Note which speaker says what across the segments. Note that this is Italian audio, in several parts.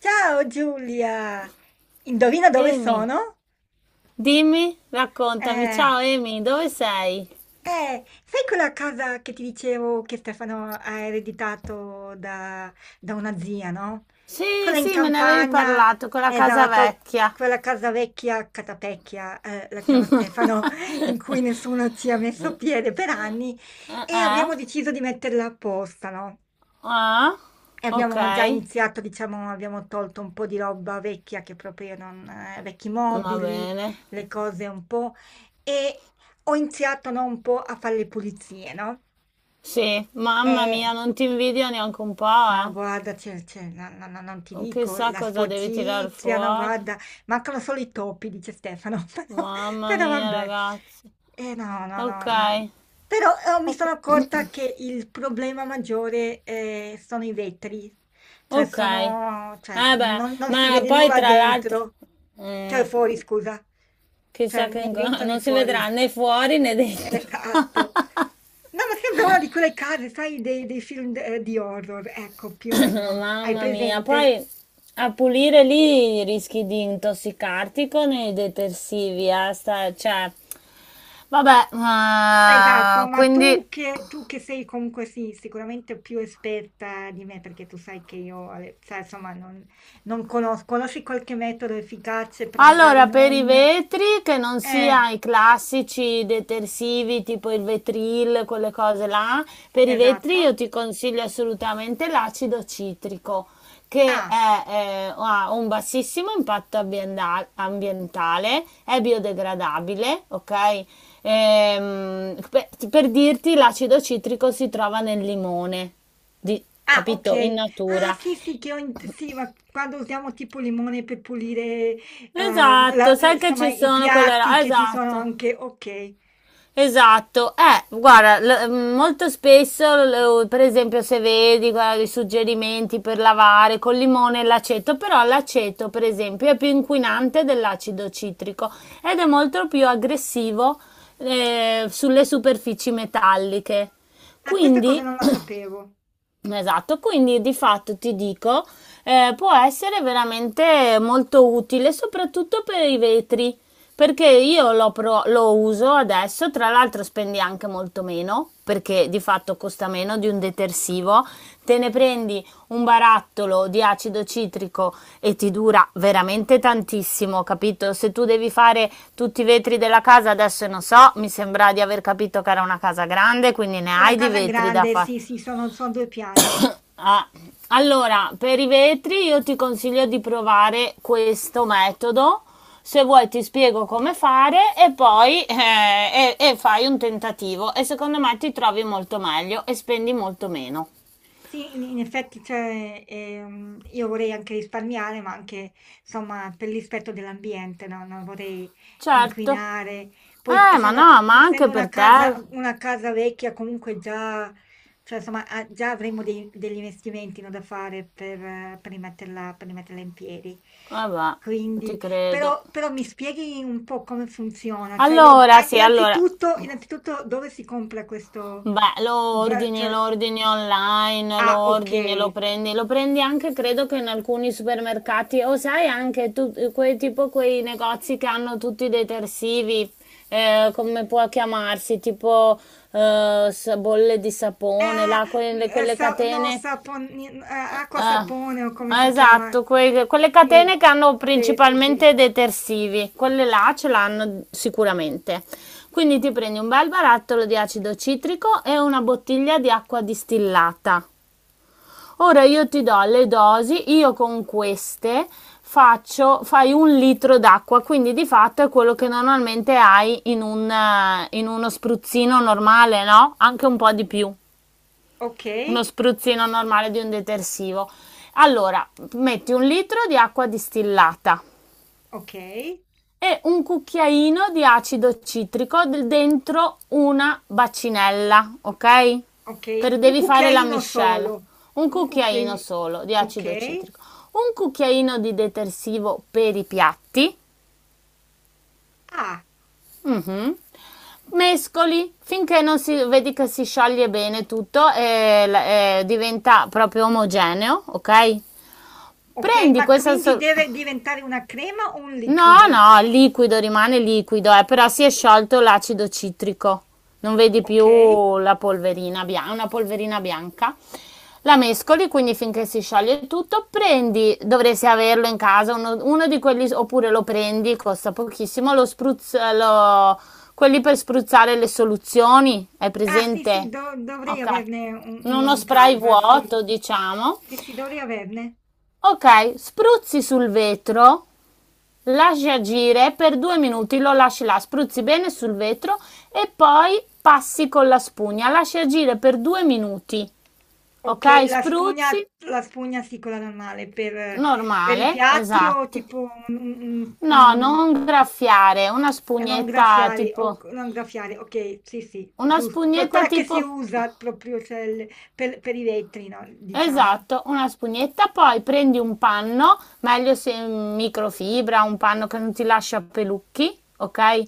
Speaker 1: Ciao Giulia, indovina dove
Speaker 2: Amy,
Speaker 1: sono?
Speaker 2: dimmi, raccontami.
Speaker 1: Eh,
Speaker 2: Ciao Amy, dove sei?
Speaker 1: sai quella casa che ti dicevo che Stefano ha ereditato da una zia, no?
Speaker 2: Sì,
Speaker 1: Quella in
Speaker 2: sì, me ne avevi
Speaker 1: campagna,
Speaker 2: parlato con la casa
Speaker 1: esatto,
Speaker 2: vecchia.
Speaker 1: quella casa vecchia, Catapecchia, la chiama Stefano, in cui nessuno ci ha messo piede per anni
Speaker 2: Eh?
Speaker 1: e
Speaker 2: Eh?
Speaker 1: abbiamo deciso di metterla apposta, no?
Speaker 2: Ah,
Speaker 1: E
Speaker 2: ok,
Speaker 1: abbiamo già iniziato, diciamo, abbiamo tolto un po' di roba vecchia che proprio non, vecchi
Speaker 2: va
Speaker 1: mobili,
Speaker 2: bene.
Speaker 1: le cose un po', e ho iniziato, no, un po' a fare le pulizie, no?
Speaker 2: Sì, mamma mia,
Speaker 1: E
Speaker 2: non ti invidio neanche un po',
Speaker 1: no,
Speaker 2: eh.
Speaker 1: guarda, non ti dico,
Speaker 2: Chissà
Speaker 1: la
Speaker 2: cosa devi tirar
Speaker 1: sporcizia, no,
Speaker 2: fuori.
Speaker 1: guarda, mancano solo i topi, dice Stefano, però,
Speaker 2: Mamma
Speaker 1: però
Speaker 2: mia,
Speaker 1: vabbè.
Speaker 2: ragazzi.
Speaker 1: Eh no, no,
Speaker 2: Ok,
Speaker 1: no. No. Però mi sono
Speaker 2: ok.
Speaker 1: accorta che il problema maggiore sono i vetri, cioè
Speaker 2: Ok.
Speaker 1: sono, cioè,
Speaker 2: Eh beh,
Speaker 1: non, non si
Speaker 2: ma
Speaker 1: vede
Speaker 2: poi
Speaker 1: nulla
Speaker 2: tra l'altro...
Speaker 1: dentro,
Speaker 2: Mm,
Speaker 1: cioè fuori, scusa, cioè
Speaker 2: chissà che...
Speaker 1: né dentro né
Speaker 2: Non si
Speaker 1: fuori.
Speaker 2: vedrà né fuori né dentro.
Speaker 1: Esatto. No, ma sembra una di quelle case, sai, dei film di horror, ecco, più o meno. Hai
Speaker 2: Mamma mia,
Speaker 1: presente?
Speaker 2: poi a pulire lì rischi di intossicarti con i detersivi, cioè, vabbè,
Speaker 1: Esatto, ma
Speaker 2: quindi.
Speaker 1: tu che sei comunque sì, sicuramente più esperta di me, perché tu sai che io, sai, insomma, non conosco, conosci qualche metodo efficace, però magari
Speaker 2: Allora, per i
Speaker 1: non...
Speaker 2: vetri, che non
Speaker 1: Eh,
Speaker 2: sia i classici detersivi tipo il Vetril, quelle cose là, per i vetri
Speaker 1: esatto.
Speaker 2: io ti consiglio assolutamente l'acido citrico, che
Speaker 1: Ah.
Speaker 2: è, ha un bassissimo impatto ambientale, è biodegradabile, ok? Per dirti, l'acido citrico si trova nel limone, di-
Speaker 1: Ah,
Speaker 2: capito? In
Speaker 1: okay. Ah,
Speaker 2: natura.
Speaker 1: sì, sì, che ho in sì, ma quando usiamo tipo limone per pulire, la
Speaker 2: Esatto, sai che
Speaker 1: insomma
Speaker 2: ci
Speaker 1: i
Speaker 2: sono quelle
Speaker 1: piatti
Speaker 2: là,
Speaker 1: che ci sono
Speaker 2: esatto.
Speaker 1: anche okay.
Speaker 2: Esatto, guarda, molto spesso, per esempio, se vedi, guarda, i suggerimenti per lavare col limone e l'aceto, però l'aceto, per esempio, è più inquinante dell'acido citrico ed è molto più aggressivo sulle superfici metalliche.
Speaker 1: Ah, questa cosa
Speaker 2: Quindi
Speaker 1: non la sapevo.
Speaker 2: esatto, quindi di fatto ti dico, può essere veramente molto utile, soprattutto per i vetri, perché io lo, lo uso adesso, tra l'altro spendi anche molto meno, perché di fatto costa meno di un detersivo, te ne prendi un barattolo di acido citrico e ti dura veramente tantissimo, capito? Se tu devi fare tutti i vetri della casa, adesso non so, mi sembra di aver capito che era una casa grande, quindi ne
Speaker 1: Una
Speaker 2: hai di
Speaker 1: casa
Speaker 2: vetri da
Speaker 1: grande,
Speaker 2: fare.
Speaker 1: sì, sì, sono son 2 piani.
Speaker 2: Ah, allora, per i vetri io ti consiglio di provare questo metodo. Se vuoi ti spiego come fare e poi e fai un tentativo e secondo me ti trovi molto meglio e spendi molto meno.
Speaker 1: Sì, in effetti, cioè, io vorrei anche risparmiare, ma anche, insomma, per il rispetto dell'ambiente, no? Non vorrei
Speaker 2: Certo.
Speaker 1: inquinare. Poi,
Speaker 2: Ma no, ma anche
Speaker 1: essendo una
Speaker 2: per te.
Speaker 1: una casa vecchia, comunque già, cioè, insomma, ah, già avremo degli investimenti, no, da fare per per rimetterla in piedi.
Speaker 2: Vabbè,
Speaker 1: Quindi,
Speaker 2: ti credo.
Speaker 1: però mi spieghi un po' come funziona. Cioè, io,
Speaker 2: Allora,
Speaker 1: ah,
Speaker 2: sì, allora.
Speaker 1: innanzitutto, dove si compra questo,
Speaker 2: Beh,
Speaker 1: bra-
Speaker 2: lo
Speaker 1: cioè,
Speaker 2: ordini online,
Speaker 1: ah, okay.
Speaker 2: lo prendi anche credo che in alcuni supermercati o sai anche tu, quei, tipo quei negozi che hanno tutti i detersivi, come può chiamarsi, tipo bolle di sapone,
Speaker 1: Ah,
Speaker 2: là,
Speaker 1: mhmm,
Speaker 2: quelle, quelle
Speaker 1: sa no,
Speaker 2: catene
Speaker 1: saponin a
Speaker 2: eh,
Speaker 1: acqua sapone o come si chiama?
Speaker 2: esatto, quelle
Speaker 1: Sì,
Speaker 2: catene che hanno
Speaker 1: sì, sì, sì.
Speaker 2: principalmente detersivi, quelle là ce l'hanno sicuramente. Quindi ti prendi un bel barattolo di acido citrico e una bottiglia di acqua distillata. Ora io ti do le dosi, io con queste fai un litro d'acqua, quindi di fatto è quello che normalmente hai in un, in uno spruzzino normale, no? Anche un po' di più uno
Speaker 1: Okay,
Speaker 2: spruzzino normale di un detersivo. Allora, metti un litro di acqua distillata
Speaker 1: okay,
Speaker 2: e un cucchiaino di acido citrico dentro una bacinella, ok?
Speaker 1: okay.
Speaker 2: Per
Speaker 1: Un
Speaker 2: devi fare la
Speaker 1: cucchiaino
Speaker 2: miscela.
Speaker 1: solo,
Speaker 2: Un
Speaker 1: un
Speaker 2: cucchiaino
Speaker 1: cucchiai
Speaker 2: solo di acido
Speaker 1: okay.
Speaker 2: citrico, un cucchiaino di detersivo per i piatti.
Speaker 1: Ah,
Speaker 2: Mhm. Mescoli finché non si vedi che si scioglie bene tutto e diventa proprio omogeneo, ok?
Speaker 1: okay,
Speaker 2: Prendi
Speaker 1: ma
Speaker 2: questa...
Speaker 1: quindi deve diventare una crema o un
Speaker 2: no,
Speaker 1: liquido?
Speaker 2: no, il liquido rimane liquido, però si è sciolto l'acido citrico. Non vedi
Speaker 1: Okay.
Speaker 2: più la polverina bianca, una polverina bianca. La mescoli, quindi finché si scioglie tutto, prendi, dovresti averlo in casa, uno, uno di quelli, oppure lo prendi, costa pochissimo, quelli per spruzzare le soluzioni, hai
Speaker 1: Ah, sì, sì,
Speaker 2: presente?
Speaker 1: do dovrei
Speaker 2: Ok,
Speaker 1: averne u uno
Speaker 2: uno
Speaker 1: in
Speaker 2: spray
Speaker 1: casa, sì.
Speaker 2: vuoto, diciamo.
Speaker 1: Sì, sì, dovrei averne.
Speaker 2: Ok, spruzzi sul vetro. Lasci agire per due minuti, lo lasci là, spruzzi bene sul vetro e poi passi con la spugna. Lasci agire per due minuti,
Speaker 1: Okay,
Speaker 2: ok? Spruzzi,
Speaker 1: la spugna sì, quella normale, per i
Speaker 2: normale,
Speaker 1: piatti o
Speaker 2: esatto.
Speaker 1: tipo
Speaker 2: No,
Speaker 1: un
Speaker 2: non graffiare, una
Speaker 1: e non
Speaker 2: spugnetta
Speaker 1: graffiari o c
Speaker 2: tipo...
Speaker 1: non graffiare, okay, sì, sì,
Speaker 2: Una
Speaker 1: giusto. Cioè
Speaker 2: spugnetta
Speaker 1: quella che si
Speaker 2: tipo...
Speaker 1: usa proprio, cioè il per i vetri, no, diciamo.
Speaker 2: Esatto, una spugnetta, poi prendi un panno, meglio se microfibra, un panno che non ti lascia pelucchi, ok? E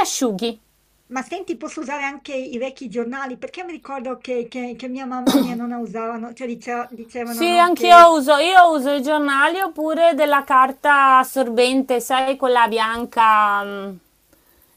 Speaker 2: asciughi.
Speaker 1: Ma senti, posso usare anche i vecchi giornali? Perché mi ricordo che mia mamma e mia nonna usavano, cioè dicea dicevano,
Speaker 2: Sì,
Speaker 1: no, che
Speaker 2: io uso i giornali oppure della carta assorbente, sai, quella bianca, mm,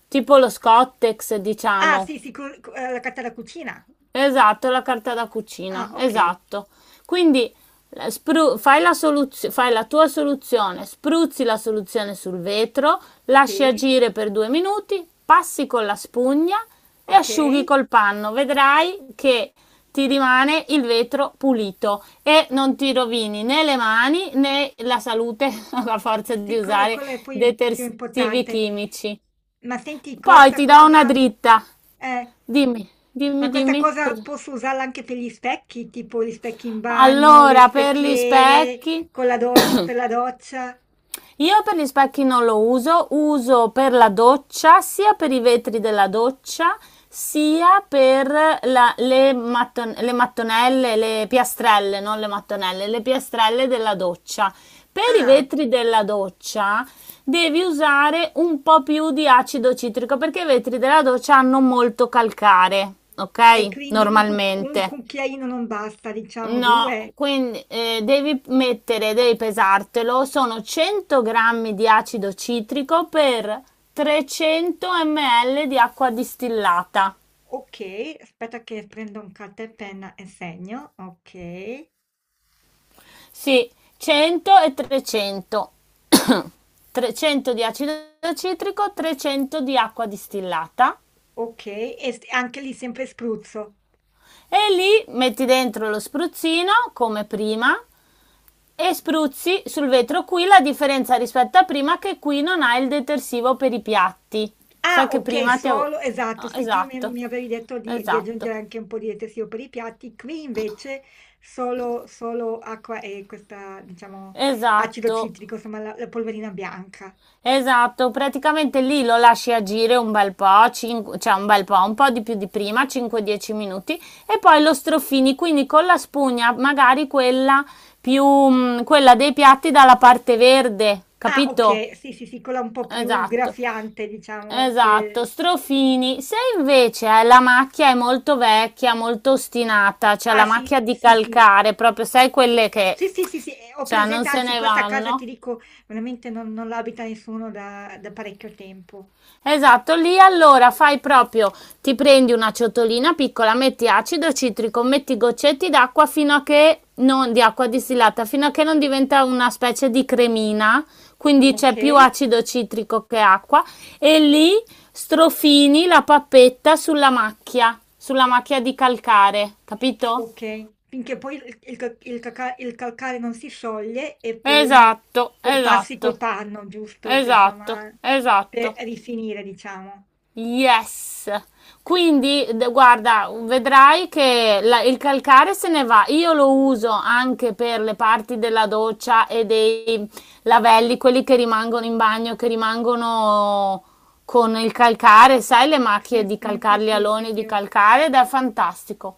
Speaker 2: tipo lo Scottex,
Speaker 1: ah,
Speaker 2: diciamo.
Speaker 1: sì, sì, co co la carta da cucina.
Speaker 2: Esatto, la carta da
Speaker 1: Ah,
Speaker 2: cucina,
Speaker 1: okay.
Speaker 2: esatto. Quindi fai la tua soluzione, spruzzi la soluzione sul vetro, lasci
Speaker 1: Sì,
Speaker 2: agire per due minuti, passi con la spugna e asciughi
Speaker 1: okay.
Speaker 2: col panno. Vedrai che ti rimane il vetro pulito e non ti rovini né le mani né la salute a forza di
Speaker 1: Sì, quello,
Speaker 2: usare
Speaker 1: quello è poi più
Speaker 2: detersivi
Speaker 1: importante.
Speaker 2: chimici.
Speaker 1: Ma senti,
Speaker 2: Poi
Speaker 1: questa
Speaker 2: ti do una
Speaker 1: cosa,
Speaker 2: dritta.
Speaker 1: eh,
Speaker 2: Dimmi, dimmi,
Speaker 1: ma questa
Speaker 2: dimmi
Speaker 1: cosa
Speaker 2: cosa.
Speaker 1: posso usarla anche per gli specchi, tipo gli specchi in bagno, le
Speaker 2: Allora, per gli
Speaker 1: specchiere
Speaker 2: specchi,
Speaker 1: con la per la doccia.
Speaker 2: io per gli specchi non lo uso, uso per la doccia, sia per i vetri della doccia, sia per le mattonelle, le piastrelle, non le mattonelle, le piastrelle della doccia. Per i
Speaker 1: Ah,
Speaker 2: vetri della doccia devi usare un po' più di acido citrico perché i vetri della doccia hanno molto calcare,
Speaker 1: e
Speaker 2: ok?
Speaker 1: quindi un, un
Speaker 2: Normalmente.
Speaker 1: cucchiaino non basta, diciamo
Speaker 2: No,
Speaker 1: due.
Speaker 2: quindi devi mettere, devi pesartelo, sono 100 grammi di acido citrico per 300 ml di acqua distillata.
Speaker 1: Ok, aspetta che prendo un carta e penna e segno. Ok,
Speaker 2: Sì, 100 e 300. 300 di acido citrico, 300 di acqua distillata.
Speaker 1: ok, e anche lì sempre spruzzo.
Speaker 2: E lì metti dentro lo spruzzino come prima. E spruzzi sul vetro, qui la differenza rispetto a prima che qui non ha il detersivo per i piatti. Sai
Speaker 1: Ah,
Speaker 2: che
Speaker 1: okay,
Speaker 2: prima ti avevo...
Speaker 1: solo esatto,
Speaker 2: Ah,
Speaker 1: sì, prima mi
Speaker 2: esatto,
Speaker 1: mi avevi detto di
Speaker 2: esatto,
Speaker 1: aggiungere anche un po' di detersivo per i piatti, qui invece solo solo acqua e questa diciamo acido
Speaker 2: esatto,
Speaker 1: citrico, insomma la polverina bianca.
Speaker 2: esatto. Praticamente lì lo lasci agire un bel po', cioè un bel po', un po' di più di prima, 5-10 minuti, e poi lo strofini, quindi con la spugna, magari quella più, mm, quella dei piatti dalla parte verde,
Speaker 1: Ah,
Speaker 2: capito?
Speaker 1: okay, sì, sì, sì, quella un po' più
Speaker 2: Esatto.
Speaker 1: graffiante diciamo
Speaker 2: Esatto,
Speaker 1: che
Speaker 2: strofini. Se invece hai la macchia è molto vecchia, molto ostinata, cioè
Speaker 1: ah
Speaker 2: la
Speaker 1: sì,
Speaker 2: macchia di
Speaker 1: sì, sì.
Speaker 2: calcare, proprio sai quelle che,
Speaker 1: Sì, sì, sì, sì, ho
Speaker 2: cioè, non
Speaker 1: presente,
Speaker 2: se
Speaker 1: anzi
Speaker 2: ne
Speaker 1: questa casa ti
Speaker 2: vanno,
Speaker 1: dico veramente non non l'abita nessuno da da parecchio tempo.
Speaker 2: esatto, lì allora fai proprio, ti prendi una ciotolina piccola, metti acido citrico, metti goccetti d'acqua fino a che non, di acqua distillata, fino a che non diventa una specie di cremina, quindi c'è più
Speaker 1: Okay.
Speaker 2: acido citrico che acqua, e lì strofini la pappetta sulla macchia di calcare, capito?
Speaker 1: Okay. Finché poi il ca il caca il calcare non si scioglie e poi
Speaker 2: Esatto,
Speaker 1: poi passi col
Speaker 2: esatto,
Speaker 1: panno, giusto? Cioè
Speaker 2: esatto,
Speaker 1: insomma per
Speaker 2: esatto.
Speaker 1: rifinire diciamo.
Speaker 2: Yes. Quindi, guarda, vedrai che il calcare se ne va. Io lo uso anche per le parti della doccia e dei lavelli, quelli che rimangono in bagno, che rimangono con il calcare, sai, le
Speaker 1: Sì,
Speaker 2: macchie di
Speaker 1: sì, sì,
Speaker 2: calcare, gli
Speaker 1: sì, sì,
Speaker 2: aloni
Speaker 1: sì.
Speaker 2: di
Speaker 1: Ho
Speaker 2: calcare, ed è fantastico.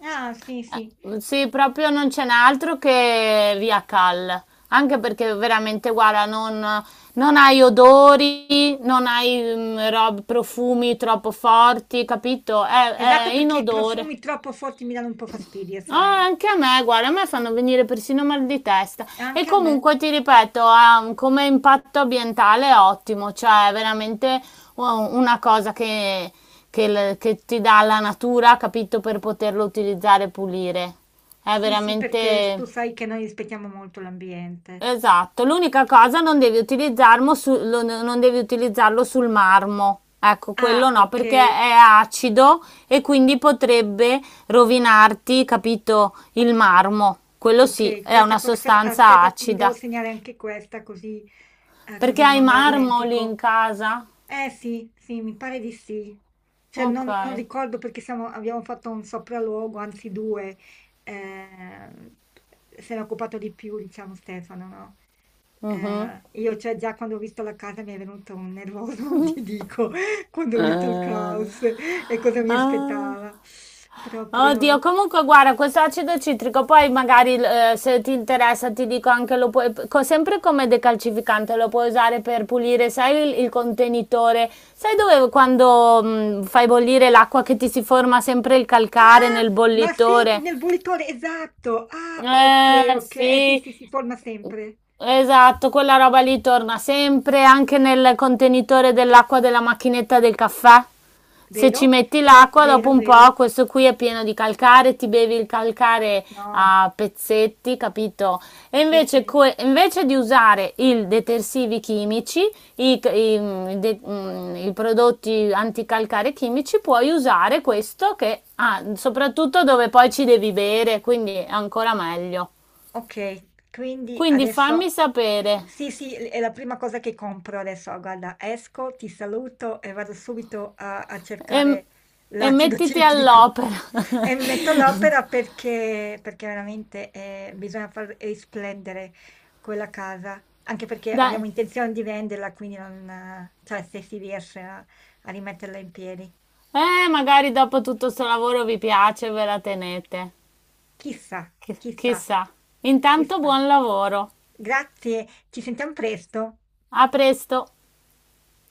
Speaker 1: ah, sì, sì.
Speaker 2: Sì, proprio non ce n'è altro che Via Cal, anche perché veramente, guarda, non, non hai odori, non hai mm, rob- profumi troppo forti, capito? È
Speaker 1: Esatto, perché i
Speaker 2: inodore.
Speaker 1: profumi troppo forti mi danno un po' fastidio,
Speaker 2: Ah,
Speaker 1: sai.
Speaker 2: anche a me, guarda, a me fanno venire persino mal di testa. E
Speaker 1: Anche a me.
Speaker 2: comunque ti ripeto, come impatto ambientale è ottimo, cioè è veramente una cosa che, che ti dà la natura, capito, per poterlo utilizzare e pulire. È
Speaker 1: Sì, sì, perché s
Speaker 2: veramente.
Speaker 1: tu sai che noi rispettiamo molto l'ambiente.
Speaker 2: Esatto, l'unica cosa non devi utilizzarlo, non devi utilizzarlo sul marmo. Ecco,
Speaker 1: Ah,
Speaker 2: quello no, perché
Speaker 1: okay.
Speaker 2: è acido e quindi potrebbe rovinarti, capito, il marmo. Quello sì,
Speaker 1: Ok,
Speaker 2: è
Speaker 1: questa
Speaker 2: una
Speaker 1: aspetta,
Speaker 2: sostanza
Speaker 1: aspetta, mi devo
Speaker 2: acida.
Speaker 1: segnare anche questa così,
Speaker 2: Perché
Speaker 1: così
Speaker 2: hai
Speaker 1: non me la
Speaker 2: marmo lì in
Speaker 1: dimentico.
Speaker 2: casa?
Speaker 1: Eh sì, sì, mi pare di sì. Cioè
Speaker 2: Ok.
Speaker 1: non, non ricordo perché abbiamo fatto un sopralluogo, anzi due. Ehm, se n'è occupato di più, diciamo Stefano, no?
Speaker 2: Mhm.
Speaker 1: Io cioè già quando ho visto la casa mi è venuto un nervoso, non ti dico, quando ho visto il
Speaker 2: Ah,
Speaker 1: caos e cosa mi
Speaker 2: ah.
Speaker 1: aspettava.
Speaker 2: Oddio,
Speaker 1: Proprio.
Speaker 2: comunque guarda, questo acido citrico, poi magari se ti interessa ti dico anche, lo puoi, sempre come decalcificante, lo puoi usare per pulire, sai il contenitore, sai dove quando fai bollire l'acqua che ti si forma sempre il calcare
Speaker 1: Ah,
Speaker 2: nel
Speaker 1: ma senti
Speaker 2: bollitore?
Speaker 1: nel bollitore, esatto. Ah, ok, ok. Eh sì,
Speaker 2: Sì,
Speaker 1: sì, si forma sempre,
Speaker 2: esatto, quella roba lì torna sempre anche nel contenitore dell'acqua della macchinetta del caffè. Se ci
Speaker 1: vero?
Speaker 2: metti l'acqua, dopo
Speaker 1: Vero,
Speaker 2: un po',
Speaker 1: vero.
Speaker 2: questo qui è pieno di calcare, ti bevi il calcare
Speaker 1: No,
Speaker 2: a pezzetti, capito? E
Speaker 1: sì,
Speaker 2: invece,
Speaker 1: sì.
Speaker 2: invece di usare i detersivi chimici, i, i- i prodotti anticalcare chimici, puoi usare questo che soprattutto dove poi ci devi bere, quindi è ancora meglio.
Speaker 1: Ok, quindi
Speaker 2: Quindi fammi
Speaker 1: adesso
Speaker 2: sapere
Speaker 1: sì, sì, è la prima cosa che compro adesso. Guarda, esco, ti saluto e vado subito a
Speaker 2: e,
Speaker 1: cercare
Speaker 2: e
Speaker 1: l'acido
Speaker 2: mettiti
Speaker 1: citrico
Speaker 2: all'opera.
Speaker 1: e mi metto all'opera perché, perché veramente bisogna far risplendere quella casa, anche perché
Speaker 2: Dai.
Speaker 1: abbiamo intenzione di venderla, quindi non, cioè se si riesce a rimetterla in piedi.
Speaker 2: Magari dopo tutto sto lavoro vi piace, e ve la tenete.
Speaker 1: Chissà, chissà,
Speaker 2: Chissà. Intanto
Speaker 1: chissà.
Speaker 2: buon lavoro.
Speaker 1: Grazie, ci sentiamo presto.
Speaker 2: A presto.